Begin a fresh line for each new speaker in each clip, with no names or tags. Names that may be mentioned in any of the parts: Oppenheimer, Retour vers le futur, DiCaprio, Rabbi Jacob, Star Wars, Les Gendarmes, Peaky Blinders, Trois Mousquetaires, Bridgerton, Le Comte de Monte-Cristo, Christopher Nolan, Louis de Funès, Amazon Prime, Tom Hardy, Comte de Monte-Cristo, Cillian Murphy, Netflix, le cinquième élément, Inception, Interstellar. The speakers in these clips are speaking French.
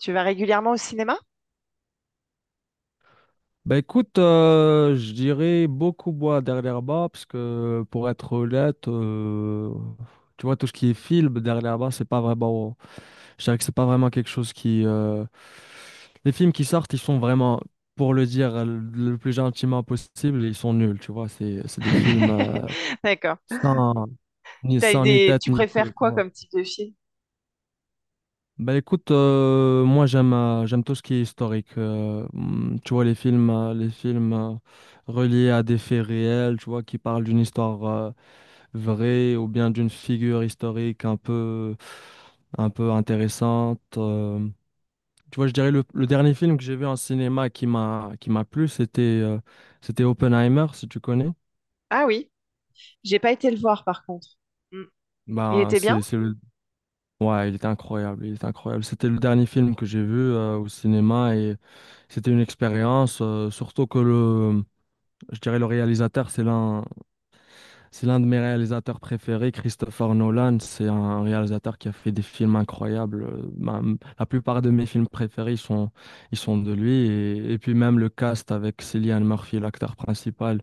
Tu vas régulièrement au cinéma?
Bah écoute, je dirais beaucoup boire dernièrement, parce que pour être honnête, tu vois, tout ce qui est film dernièrement, c'est pas vraiment. Je dirais que c'est pas vraiment quelque chose qui. Les films qui sortent, ils sont vraiment, pour le dire le plus gentiment possible, ils sont nuls, tu vois. C'est des films
D'accord.
sans,
T'as
sans ni
des...
tête
Tu
ni queue,
préfères
tu
quoi
vois.
comme type de film?
Bah écoute, moi j'aime tout ce qui est historique. Tu vois les films reliés à des faits réels, tu vois qui parlent d'une histoire vraie ou bien d'une figure historique un peu intéressante. Tu vois, je dirais le dernier film que j'ai vu en cinéma qui m'a plu, c'était Oppenheimer, si tu connais.
Ah oui, j'ai pas été le voir par contre. Mm. Il
Bah
était bien?
c'est le Ouais, il était incroyable, il était incroyable. C'était le dernier film que j'ai vu au cinéma. C'était une expérience, surtout que je dirais le réalisateur, c'est l'un de mes réalisateurs préférés, Christopher Nolan. C'est un réalisateur qui a fait des films incroyables. La plupart de mes films préférés, ils sont de lui. Et puis même le cast avec Cillian Murphy, l'acteur principal,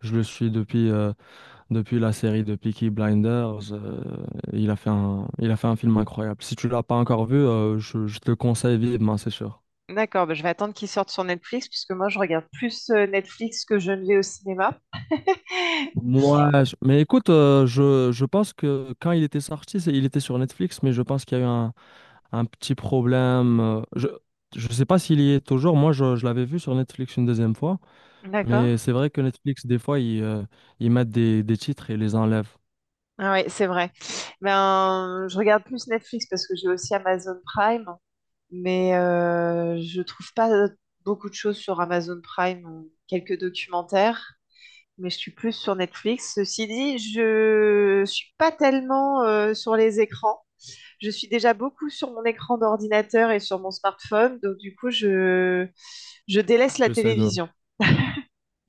je le suis depuis la série de Peaky Blinders. Il a fait un film incroyable. Si tu l'as pas encore vu, je te le conseille vivement, c'est sûr.
D'accord, bah, je vais attendre qu'il sorte sur Netflix puisque moi je regarde plus Netflix que je ne vais au cinéma.
Moi, mais écoute, je pense que quand il était sorti, il était sur Netflix, mais je pense qu'il y a eu un petit problème. Je sais pas s'il y est toujours. Moi, je l'avais vu sur Netflix une deuxième fois,
D'accord.
mais c'est vrai que Netflix, des fois, ils mettent des titres et les enlèvent.
Ah oui, c'est vrai. Ben, je regarde plus Netflix parce que j'ai aussi Amazon Prime, mais je trouve pas beaucoup de choses sur Amazon Prime, quelques documentaires. Mais je suis plus sur Netflix. Ceci dit, je suis pas tellement sur les écrans. Je suis déjà beaucoup sur mon écran d'ordinateur et sur mon smartphone, donc du coup, je délaisse la
J'essaie de,
télévision.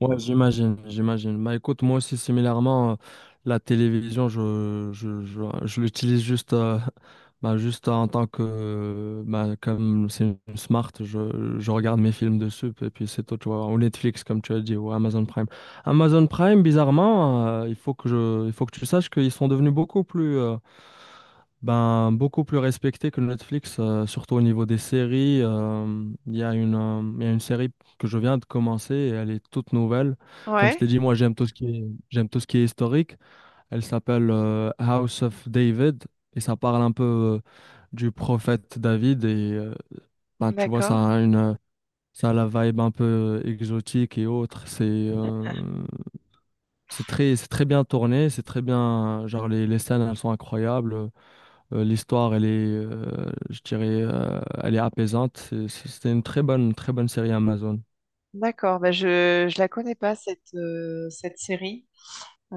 Ouais, j'imagine, j'imagine. Bah écoute, moi aussi, similairement, la télévision, je l'utilise juste, bah, juste en tant que, bah, comme c'est une smart, je regarde mes films dessus, et puis c'est tout, tu vois, ou Netflix, comme tu as dit, ou Amazon Prime. Amazon Prime, bizarrement, il faut que tu saches qu'ils sont devenus beaucoup plus respectés que Netflix, surtout au niveau des séries. Il y a une, il y a une série que je viens de commencer et elle est toute nouvelle. Comme je
Ouais,
t'ai dit, moi j'aime tout ce qui est historique. Elle s'appelle House of David et ça parle un peu du prophète David et ben, tu vois,
d'accord.
ça a la vibe un peu exotique et autre. C'est très bien tourné, c'est très bien. Genre, les scènes, elles sont incroyables. L'histoire, elle est, je dirais, elle est apaisante. C'était une très bonne série Amazon.
D'accord, bah je la connais pas cette cette série. Euh,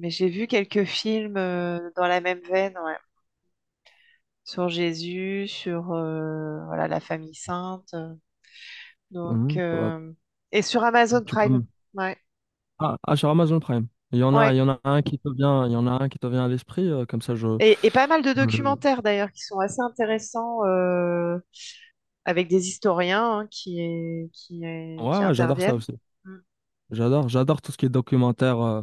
mais j'ai vu quelques films dans la même veine, ouais. Sur Jésus, sur voilà la famille sainte, donc
Mhm.
et sur Amazon
Tu peux,
Prime,
me-
ouais.
Ah, ah, sur Amazon Prime.
Ouais.
Il y en a un qui te vient à l'esprit, comme ça je.
Et pas mal de
je-
documentaires d'ailleurs qui sont assez intéressants avec des historiens hein,
Ouais,
qui
ouais, j'adore ça
interviennent.
aussi.
Mm.
J'adore, j'adore tout ce qui est documentaire, euh,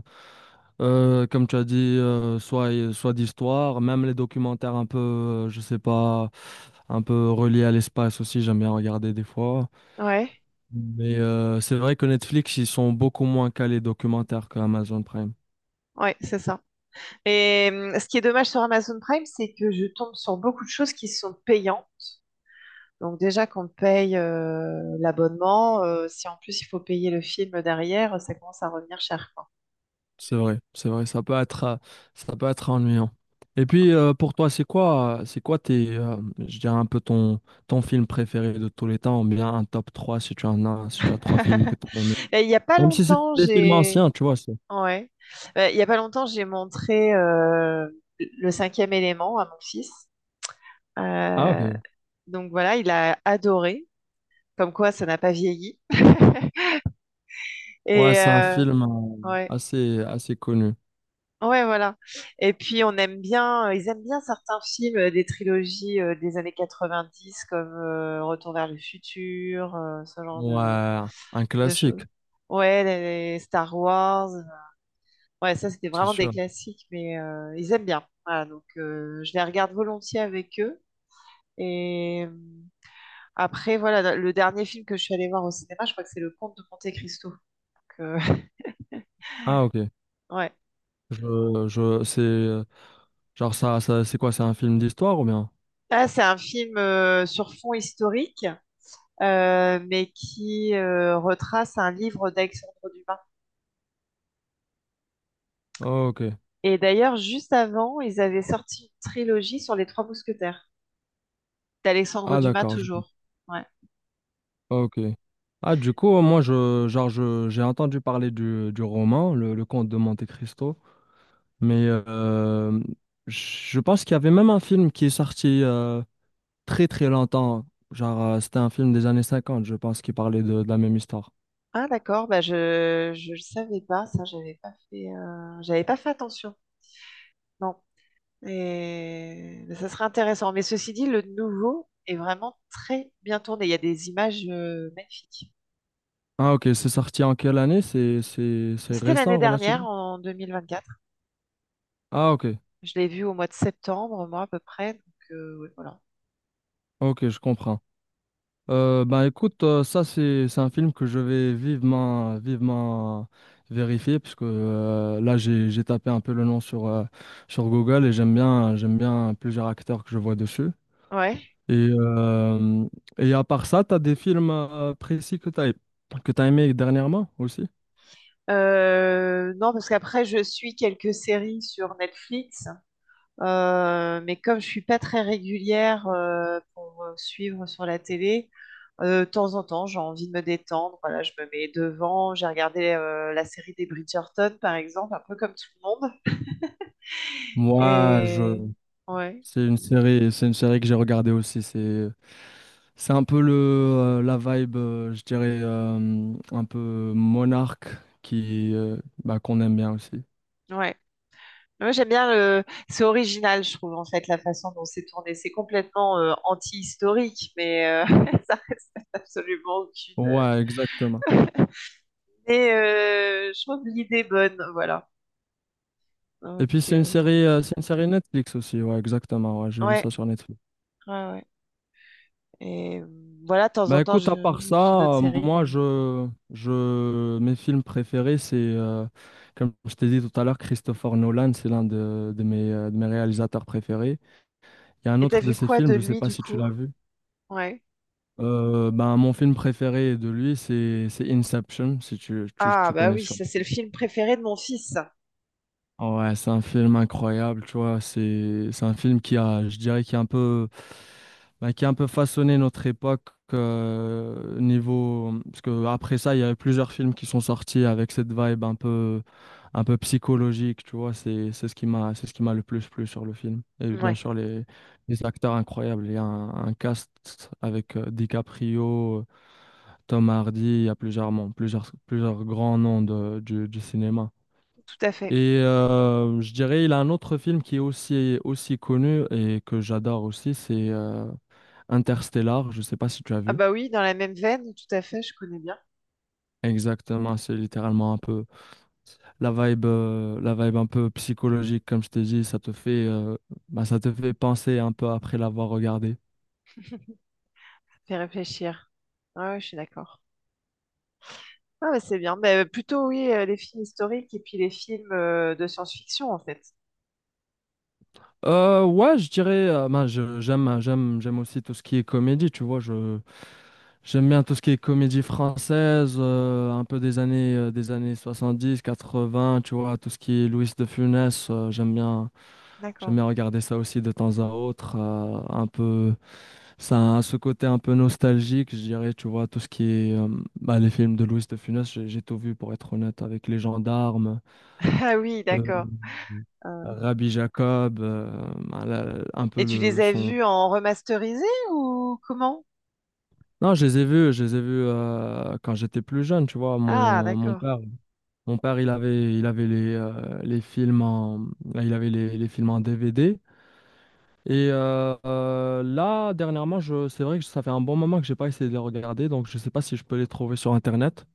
euh, comme tu as dit, soit d'histoire, même les documentaires un peu, je sais pas, un peu reliés à l'espace aussi, j'aime bien regarder des fois.
Ouais,
Mais c'est vrai que Netflix, ils sont beaucoup moins calés documentaires que Amazon Prime.
ouais, c'est ça. Et ce qui est dommage sur Amazon Prime, c'est que je tombe sur beaucoup de choses qui sont payantes. Donc déjà qu'on paye l'abonnement, si en plus il faut payer le film derrière, ça commence à revenir cher, quoi.
C'est vrai, ça peut être ennuyant. Et puis pour toi, c'est quoi tes, je dirais un peu ton film préféré de tous les temps, ou bien un top 3 si tu en as, si tu as trois films que tu as aimés.
Et il n'y a pas
Même si c'est
longtemps,
des films
j'ai...
anciens, tu vois.
Ouais. Il y a pas longtemps, j'ai montré le cinquième élément à mon fils.
Ah,
Euh,
ok.
donc voilà, il a adoré. Comme quoi, ça n'a pas vieilli.
Ouais,
Et
c'est un film
ouais.
assez, assez connu.
Ouais, voilà. Et puis on aime bien, ils aiment bien certains films des trilogies des années 90, comme Retour vers le futur, ce genre
Ouais, un
de
classique,
choses. Ouais, les Star Wars. Ouais, ça, c'était
c'est
vraiment des
sûr.
classiques, mais ils aiment bien. Voilà, donc je les regarde volontiers avec eux. Et après, voilà, le dernier film que je suis allée voir au cinéma, je crois que c'est Le Comte de Monte-Cristo. Donc,
Ah, ok.
ouais.
Je, je, c'est, euh, genre, c'est quoi, c'est un film d'histoire ou bien?
Là, c'est un film sur fond historique, mais qui retrace un livre d'Alexandre Dumas.
Ok.
Et d'ailleurs, juste avant, ils avaient sorti une trilogie sur les Trois Mousquetaires, d'Alexandre
Ah,
Dumas
d'accord.
toujours. Ouais.
Ok. Ah, du coup, moi, je, genre, j'ai entendu parler du roman, le Comte de Monte-Cristo, mais je pense qu'il y avait même un film qui est sorti très, très longtemps. Genre, c'était un film des années 50, je pense, qui parlait de la même histoire.
Ah d'accord, bah je le savais pas ça, j'avais pas fait attention. Non. Et mais ça serait intéressant. Mais ceci dit, le nouveau est vraiment très bien tourné. Il y a des images magnifiques.
Ah, ok, c'est sorti en quelle année? C'est
C'était l'année
récent,
dernière,
relativement?
en 2024.
Ah, ok,
Je l'ai vu au mois de septembre, moi à peu près. Donc ouais, voilà.
ok, je comprends. Ben écoute, ça c'est un film que je vais vivement vivement vérifier puisque là j'ai tapé un peu le nom sur Google et j'aime bien plusieurs acteurs que je vois dessus.
Ouais.
Et euh, et à part ça, t'as des films précis que t'as aimé dernièrement aussi?
Non, parce qu'après je suis quelques séries sur Netflix. Mais comme je suis pas très régulière pour suivre sur la télé, de temps en temps, j'ai envie de me détendre. Voilà, je me mets devant. J'ai regardé la série des Bridgerton, par exemple, un peu comme tout le monde.
Moi, je
Et ouais,
C'est une série que j'ai regardée aussi. C'est un peu la vibe, je dirais, un peu monarque qui, bah, qu'on aime bien aussi.
ouais. Moi, j'aime bien le... C'est original, je trouve, en fait, la façon dont c'est tourné. C'est complètement anti-historique, mais ça reste absolument aucune.
Ouais, exactement.
Mais je trouve l'idée bonne, voilà.
Et puis
Donc,
c'est une série, euh, c'est une série Netflix aussi. Ouais, exactement. Ouais, j'ai vu ça
ouais,
sur Netflix.
ouais, ouais. Et voilà, de temps en
Bah
temps,
écoute, à part ça,
je suis d'autres séries,
moi,
mais...
mes films préférés, c'est, comme je t'ai dit tout à l'heure, Christopher Nolan, c'est l'un de mes réalisateurs préférés. Il y a un
Et t'as
autre de
vu
ses
quoi de
films, je sais
lui,
pas
du
si tu
coup?
l'as vu.
Ouais.
Ben, mon film préféré de lui, c'est Inception, si tu, tu,
Ah,
tu
bah
connais
oui,
sûrement.
ça, c'est le film préféré de mon fils. Ça.
Ah, ouais, c'est un film incroyable, tu vois. C'est un film qui a, je dirais, qui a un peu, ben, qui a un peu façonné notre époque niveau. Parce que après ça, il y a eu plusieurs films qui sont sortis avec cette vibe un peu psychologique, tu vois. C'est ce qui m'a le plus plu sur le film. Et bien
Ouais,
sûr, les acteurs incroyables. Il y a un cast avec DiCaprio. Tom Hardy, il y a plusieurs grands noms du cinéma.
tout à fait.
Et je dirais, il a un autre film qui est aussi, aussi connu et que j'adore aussi, c'est Interstellar. Je ne sais pas si tu as
Ah
vu.
bah oui, dans la même veine, tout à fait, je connais bien.
Exactement, c'est littéralement un peu la vibe un peu psychologique, comme je t'ai dit, ça te fait penser un peu après l'avoir regardé.
Fais réfléchir. Ah ouais, je suis d'accord. Ah bah c'est bien. Mais plutôt, oui, les films historiques et puis les films de science-fiction, en fait.
Ouais, je dirais, bah, j'aime aussi tout ce qui est comédie, tu vois, je, J'aime bien tout ce qui est comédie française, un peu des années 70, 80, tu vois, tout ce qui est Louis de Funès, j'aime bien, j'aime
D'accord.
bien regarder ça aussi de temps à autre, un peu, ça a ce côté un peu nostalgique, je dirais, tu vois, tout ce qui est, bah, les films de Louis de Funès, j'ai tout vu pour être honnête, avec Les Gendarmes,
Ah oui,
euh,
d'accord. Euh,
Rabbi Jacob, voilà, un peu
et tu
le
les as
son.
vus en remasterisé ou comment?
Non, je les ai vus, quand j'étais plus jeune, tu vois,
Ah,
mon
d'accord,
père. Mon père, il avait les films en, il avait les films en DVD. Et là, dernièrement, c'est vrai que ça fait un bon moment que j'ai pas essayé de les regarder, donc je sais pas si je peux les trouver sur Internet.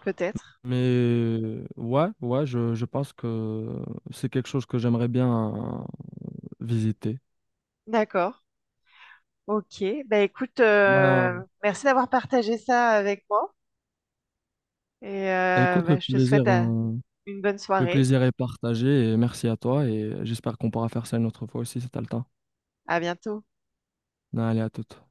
peut-être.
Mais ouais, ouais, je pense que c'est quelque chose que j'aimerais bien euh, visiter.
D'accord, ok. Bah écoute,
Ben,
merci d'avoir partagé ça avec moi et
écoute, le
bah, je te souhaite
plaisir, euh,
une bonne
le
soirée.
plaisir est partagé et merci à toi et j'espère qu'on pourra faire ça une autre fois aussi si t'as le temps.
À bientôt.
Ben, allez, à toute.